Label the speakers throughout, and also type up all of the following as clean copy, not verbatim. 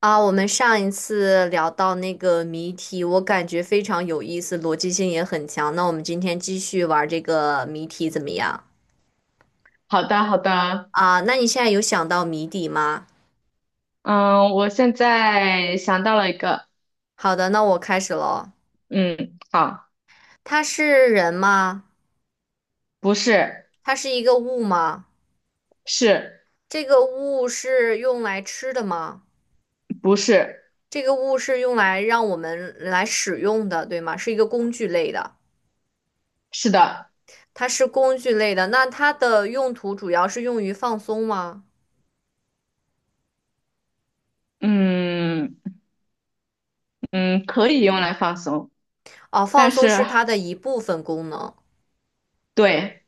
Speaker 1: 啊，我们上一次聊到那个谜题，我感觉非常有意思，逻辑性也很强。那我们今天继续玩这个谜题怎么样？
Speaker 2: 好的，好的。
Speaker 1: 啊，那你现在有想到谜底吗？
Speaker 2: 嗯，我现在想到了一个。
Speaker 1: 好的，那我开始喽。
Speaker 2: 嗯，好。
Speaker 1: 它是人吗？
Speaker 2: 不是。
Speaker 1: 它是一个物吗？
Speaker 2: 是。
Speaker 1: 这个物是用来吃的吗？
Speaker 2: 不是。
Speaker 1: 这个物是用来让我们来使用的，对吗？是一个工具类的，
Speaker 2: 是的。
Speaker 1: 它是工具类的。那它的用途主要是用于放松吗？
Speaker 2: 嗯嗯，可以用来放松，
Speaker 1: 哦，放
Speaker 2: 但
Speaker 1: 松
Speaker 2: 是
Speaker 1: 是它的一部分功能。
Speaker 2: 对。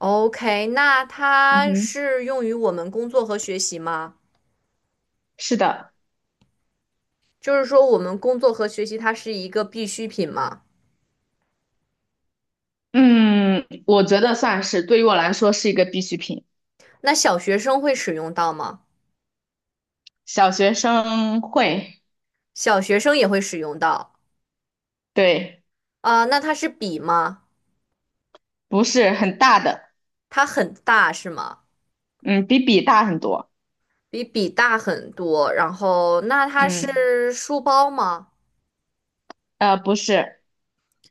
Speaker 1: OK，那
Speaker 2: 嗯
Speaker 1: 它
Speaker 2: 哼，
Speaker 1: 是用于我们工作和学习吗？
Speaker 2: 是的。
Speaker 1: 就是说，我们工作和学习它是一个必需品吗？
Speaker 2: 嗯，我觉得算是对于我来说是一个必需品。
Speaker 1: 那小学生会使用到吗？
Speaker 2: 小学生会。
Speaker 1: 小学生也会使用到。
Speaker 2: 对。
Speaker 1: 啊，那它是笔吗？
Speaker 2: 不是很大的。
Speaker 1: 它很大是吗？
Speaker 2: 嗯，比笔大很多。
Speaker 1: 比笔大很多。然后，那它
Speaker 2: 嗯，
Speaker 1: 是书包吗？
Speaker 2: 不是。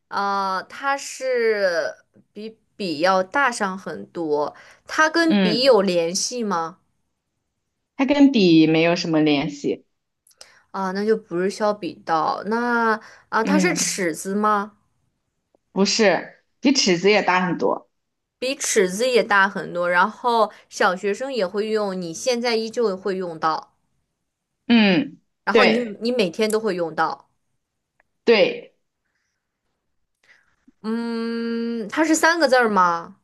Speaker 1: 啊，比笔要大上很多。它跟笔
Speaker 2: 嗯，
Speaker 1: 有联系吗？
Speaker 2: 它跟笔没有什么联系。
Speaker 1: 啊，那就不是削笔刀。啊，它是
Speaker 2: 嗯。
Speaker 1: 尺子吗？
Speaker 2: 不是，比尺子也大很多。
Speaker 1: 比尺子也大很多，然后小学生也会用，你现在依旧会用到，
Speaker 2: 嗯，
Speaker 1: 然后你
Speaker 2: 对
Speaker 1: 你每天都会用到。
Speaker 2: 对。
Speaker 1: 嗯，它是三个字儿吗？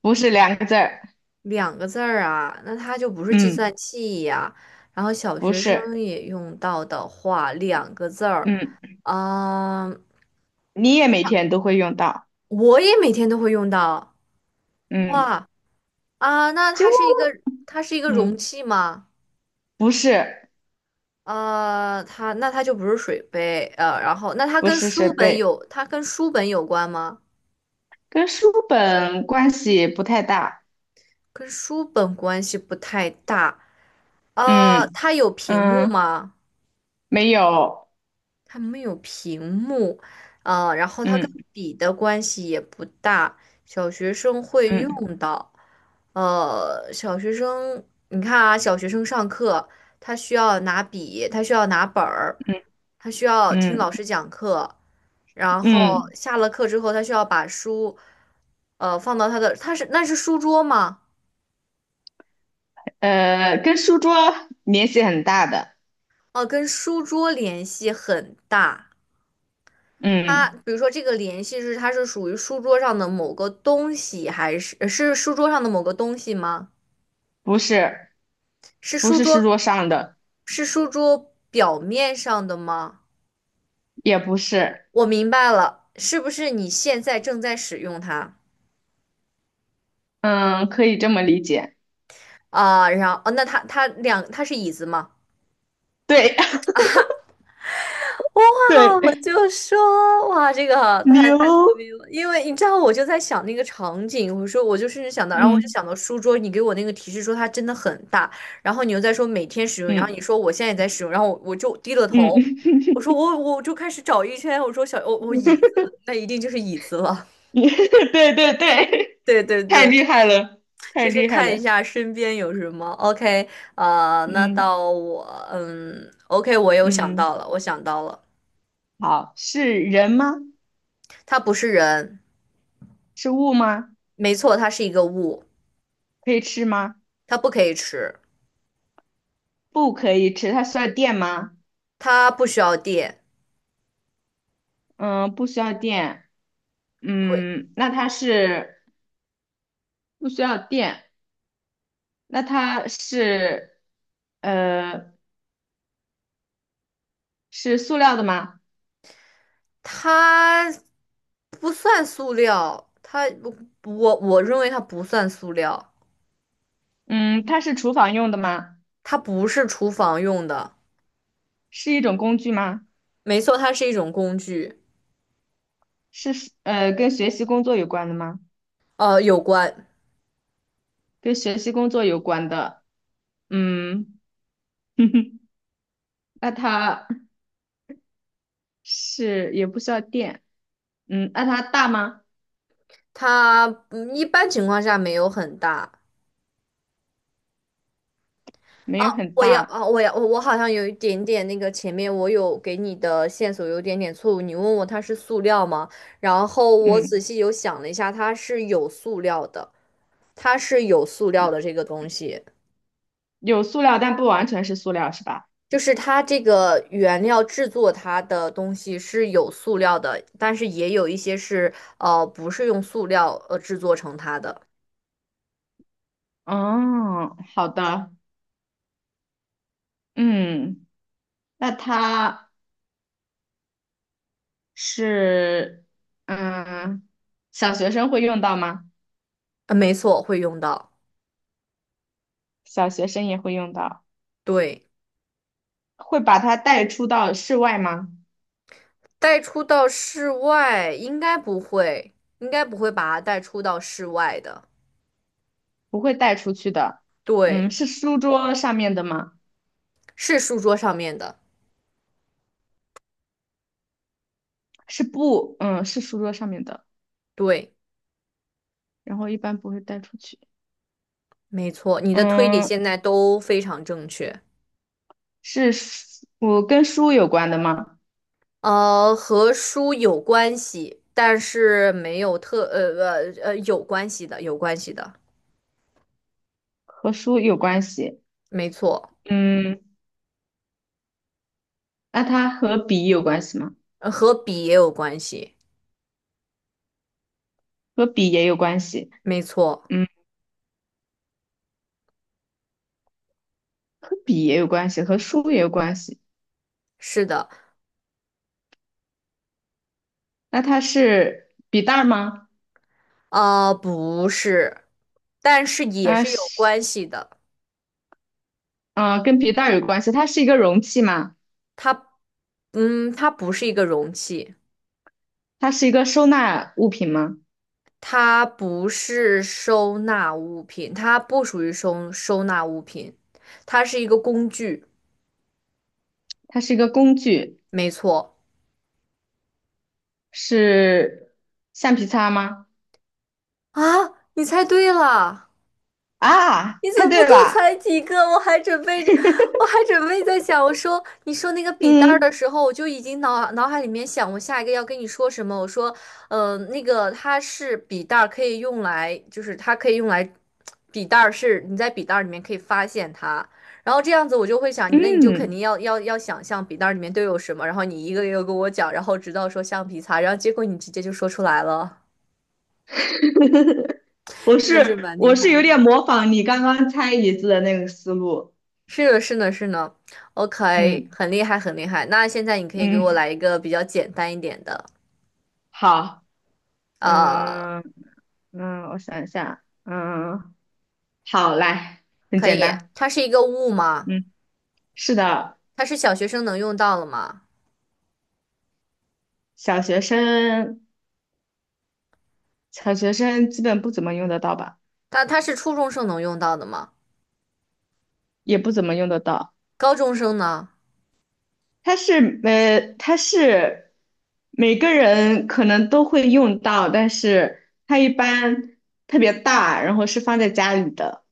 Speaker 2: 不是两个字儿。
Speaker 1: 两个字儿啊，那它就不是计
Speaker 2: 嗯，
Speaker 1: 算器呀。然后小
Speaker 2: 不
Speaker 1: 学生
Speaker 2: 是。
Speaker 1: 也用到的话，两个字儿，
Speaker 2: 嗯，
Speaker 1: 嗯，
Speaker 2: 你也每天都会用到。
Speaker 1: 我也每天都会用到。
Speaker 2: 嗯，
Speaker 1: 哇啊，那
Speaker 2: 就
Speaker 1: 它是一个容
Speaker 2: 嗯，
Speaker 1: 器吗？
Speaker 2: 不是，
Speaker 1: 那它就不是水杯。然后那
Speaker 2: 不是设备，
Speaker 1: 它跟书本有关吗？
Speaker 2: 跟书本关系不太大。
Speaker 1: 跟书本关系不太大。
Speaker 2: 嗯
Speaker 1: 它有屏幕
Speaker 2: 嗯，
Speaker 1: 吗？
Speaker 2: 没有。
Speaker 1: 它没有屏幕。然后它跟
Speaker 2: 嗯
Speaker 1: 笔的关系也不大，小学生会
Speaker 2: 嗯
Speaker 1: 用到。小学生，你看啊，小学生上课，他需要拿笔，他需要拿本儿。
Speaker 2: 嗯
Speaker 1: 他需要听老
Speaker 2: 嗯
Speaker 1: 师讲课，然后
Speaker 2: 嗯，
Speaker 1: 下了课之后，他需要把书，放到他的，那是书桌吗？
Speaker 2: 跟书桌联系很大的。
Speaker 1: 哦，跟书桌联系很大。他
Speaker 2: 嗯，
Speaker 1: 比如说这个联系它是属于书桌上的某个东西，还是是书桌上的某个东西吗？
Speaker 2: 不是，
Speaker 1: 是
Speaker 2: 不
Speaker 1: 书
Speaker 2: 是
Speaker 1: 桌
Speaker 2: 书桌上的，
Speaker 1: 是书桌表面上的吗？
Speaker 2: 也不是。
Speaker 1: 我明白了，是不是你现在正在使用它
Speaker 2: 嗯，可以这么理解。
Speaker 1: 啊？然后哦，那他是椅子吗？
Speaker 2: 对
Speaker 1: 哇，
Speaker 2: 对，
Speaker 1: 我就说哇，这个太
Speaker 2: 牛。
Speaker 1: 太聪明了，因为你知道，我就在想那个场景，我说我就甚至想到，然后我就
Speaker 2: 嗯
Speaker 1: 想到书桌，你给我那个提示说它真的很大，然后你又在说每天使用，然后
Speaker 2: 嗯
Speaker 1: 你说我现在也在使用，然后我就低了头，
Speaker 2: 嗯，
Speaker 1: 我说我就开始找一圈，我说小我我椅子，那一定就是椅子了。
Speaker 2: 对对对，
Speaker 1: 对对
Speaker 2: 太
Speaker 1: 对，
Speaker 2: 厉害了，太
Speaker 1: 就是
Speaker 2: 厉害
Speaker 1: 看一
Speaker 2: 了。
Speaker 1: 下身边有什么。OK，那
Speaker 2: 嗯
Speaker 1: 到我。OK，我又想
Speaker 2: 嗯，
Speaker 1: 到了，我想到了。
Speaker 2: 好，是人吗？
Speaker 1: 它不是人。
Speaker 2: 是物吗？
Speaker 1: 没错，它是一个物。
Speaker 2: 可以吃吗？
Speaker 1: 它不可以吃。
Speaker 2: 不可以吃，它需要电吗？
Speaker 1: 它不需要电。
Speaker 2: 嗯，不需要电。
Speaker 1: 对，
Speaker 2: 嗯，那它是不需要电，那它是呃是塑料的吗？
Speaker 1: 它不算塑料。我认为它不算塑料。
Speaker 2: 嗯，它是厨房用的吗？
Speaker 1: 它不是厨房用的。
Speaker 2: 是一种工具吗？
Speaker 1: 没错，它是一种工具。
Speaker 2: 是跟学习工作有关的吗？
Speaker 1: 有关。
Speaker 2: 跟学习工作有关的。嗯，那它是也不需要电。嗯，那它大吗？
Speaker 1: 它一般情况下没有很大。
Speaker 2: 没有很
Speaker 1: 我要
Speaker 2: 大。
Speaker 1: 啊，我要我我好像有一点点那个前面我有给你的线索有点点错误，你问我它是塑料吗？然后我仔
Speaker 2: 嗯，
Speaker 1: 细有想了一下，它是有塑料的，它是有塑料的这个东西。
Speaker 2: 有塑料，但不完全是塑料，是吧？
Speaker 1: 就是它这个原料制作它的东西是有塑料的，但是也有一些是不是用塑料制作成它的。
Speaker 2: 哦，好的。嗯，那它是，嗯，小学生会用到吗？
Speaker 1: 没错，会用到。
Speaker 2: 小学生也会用到。
Speaker 1: 对。
Speaker 2: 会把它带出到室外吗？
Speaker 1: 带出到室外应该不会，应该不会把它带出到室外的。
Speaker 2: 不会带出去的。嗯，
Speaker 1: 对，
Speaker 2: 是书桌上面的吗？
Speaker 1: 是书桌上面的。
Speaker 2: 嗯，是书桌上面的，
Speaker 1: 对，
Speaker 2: 然后一般不会带出去。
Speaker 1: 没错，你的推理
Speaker 2: 嗯，
Speaker 1: 现在都非常正确。
Speaker 2: 是书，我跟书有关的吗？
Speaker 1: 和书有关系，但是没有特有关系的，有关系的。
Speaker 2: 和书有关系。
Speaker 1: 没错。
Speaker 2: 嗯，那它和笔有关系吗？
Speaker 1: 和笔也有关系。
Speaker 2: 和笔也有关系。
Speaker 1: 没错，
Speaker 2: 嗯，和笔也有关系，和书也有关系。
Speaker 1: 是的。
Speaker 2: 那它是笔袋儿吗？
Speaker 1: 不是，但是也
Speaker 2: 那
Speaker 1: 是有
Speaker 2: 是，
Speaker 1: 关系的。
Speaker 2: 嗯、跟笔袋儿有关系。它是一个容器吗？
Speaker 1: 它，它不是一个容器。
Speaker 2: 它是一个收纳物品吗？
Speaker 1: 它不是收纳物品，它不属于收纳物品。它是一个工具。
Speaker 2: 它是一个工具。
Speaker 1: 没错。
Speaker 2: 是橡皮擦吗？
Speaker 1: 啊，你猜对了。
Speaker 2: 啊，
Speaker 1: 你怎
Speaker 2: 猜
Speaker 1: 么不
Speaker 2: 对
Speaker 1: 多
Speaker 2: 了。
Speaker 1: 裁几个？我还准备在想，我说你说那个笔袋儿的
Speaker 2: 嗯
Speaker 1: 时候，我就已经脑海里面想我下一个要跟你说什么。我说，那个它是笔袋儿，可以用来，就是它可以用来，笔袋儿是你在笔袋儿里面可以发现它。然后这样子我就会想，那你就肯定
Speaker 2: 嗯，
Speaker 1: 要想象笔袋儿里面都有什么，然后你一个一个跟我讲，然后直到说橡皮擦，然后结果你直接就说出来了。
Speaker 2: 我
Speaker 1: 真
Speaker 2: 是
Speaker 1: 的是蛮厉
Speaker 2: 我是有
Speaker 1: 害。
Speaker 2: 点模仿你刚刚猜椅子的那个思路。
Speaker 1: 是的，是的，是的，OK，
Speaker 2: 嗯
Speaker 1: 很厉害，很厉害。那现在你可以给我
Speaker 2: 嗯，
Speaker 1: 来一个比较简单一点的。
Speaker 2: 好。
Speaker 1: 呃，
Speaker 2: 嗯嗯，我想一下。嗯，好，来，很
Speaker 1: 可
Speaker 2: 简
Speaker 1: 以。
Speaker 2: 单。
Speaker 1: 它是一个物吗？
Speaker 2: 嗯，是的。
Speaker 1: 它是小学生能用到的吗？
Speaker 2: 小学生，小学生基本不怎么用得到吧，
Speaker 1: 它是初中生能用到的吗？
Speaker 2: 也不怎么用得到。
Speaker 1: 高中生呢？
Speaker 2: 它是每个人可能都会用到，但是它一般特别大，然后是放在家里的，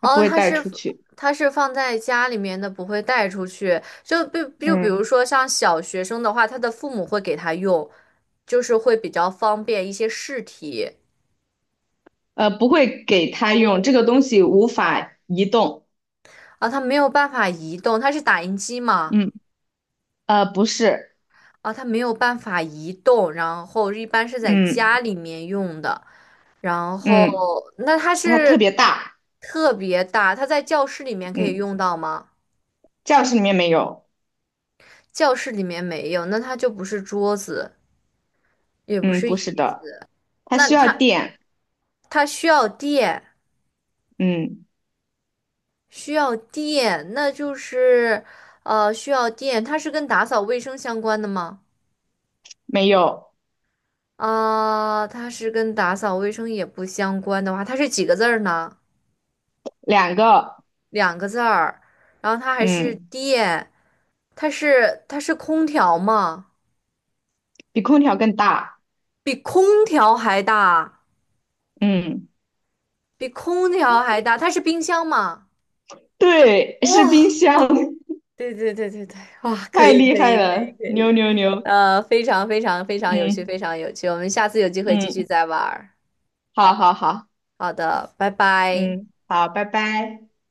Speaker 2: 它不
Speaker 1: 哦，
Speaker 2: 会带出去。
Speaker 1: 它是放在家里面的，不会带出去。就比如
Speaker 2: 嗯
Speaker 1: 说像小学生的话，他的父母会给他用，就是会比较方便一些试题
Speaker 2: 不会给他用，这个东西无法移动。
Speaker 1: 啊。他没有办法移动，它是打印机吗？
Speaker 2: 嗯不是。
Speaker 1: 啊，它没有办法移动，然后一般是在
Speaker 2: 嗯
Speaker 1: 家里面用的，然后
Speaker 2: 嗯，
Speaker 1: 那它
Speaker 2: 它特
Speaker 1: 是
Speaker 2: 别大。
Speaker 1: 特别大，它在教室里面可以
Speaker 2: 嗯，
Speaker 1: 用到吗？
Speaker 2: 教室里面没有。
Speaker 1: 教室里面没有，那它就不是桌子，也不
Speaker 2: 嗯，
Speaker 1: 是
Speaker 2: 不是
Speaker 1: 椅
Speaker 2: 的，
Speaker 1: 子。
Speaker 2: 它
Speaker 1: 那
Speaker 2: 需要
Speaker 1: 它
Speaker 2: 电。
Speaker 1: 它需要电，
Speaker 2: 嗯，
Speaker 1: 需要电，那就是需要电。它是跟打扫卫生相关的吗？
Speaker 2: 没有，
Speaker 1: 啊、它是跟打扫卫生也不相关的话，它是几个字儿呢？
Speaker 2: 两个。
Speaker 1: 两个字儿，然后它还是
Speaker 2: 嗯，
Speaker 1: 电，它是空调吗？
Speaker 2: 比空调更大。
Speaker 1: 比空调还大，
Speaker 2: 嗯。
Speaker 1: 比空调还大，它是冰箱吗？
Speaker 2: 对，是冰
Speaker 1: 哦，
Speaker 2: 箱。
Speaker 1: 对对对对对，哇，可
Speaker 2: 太
Speaker 1: 以
Speaker 2: 厉
Speaker 1: 可
Speaker 2: 害
Speaker 1: 以可以
Speaker 2: 了，
Speaker 1: 可
Speaker 2: 牛
Speaker 1: 以。
Speaker 2: 牛牛。
Speaker 1: 非常非常非常有趣，
Speaker 2: 嗯
Speaker 1: 非常有趣，我们下次有机会继续
Speaker 2: 嗯，
Speaker 1: 再玩儿。
Speaker 2: 好好好。
Speaker 1: 好的，拜拜。
Speaker 2: 嗯，好，拜拜。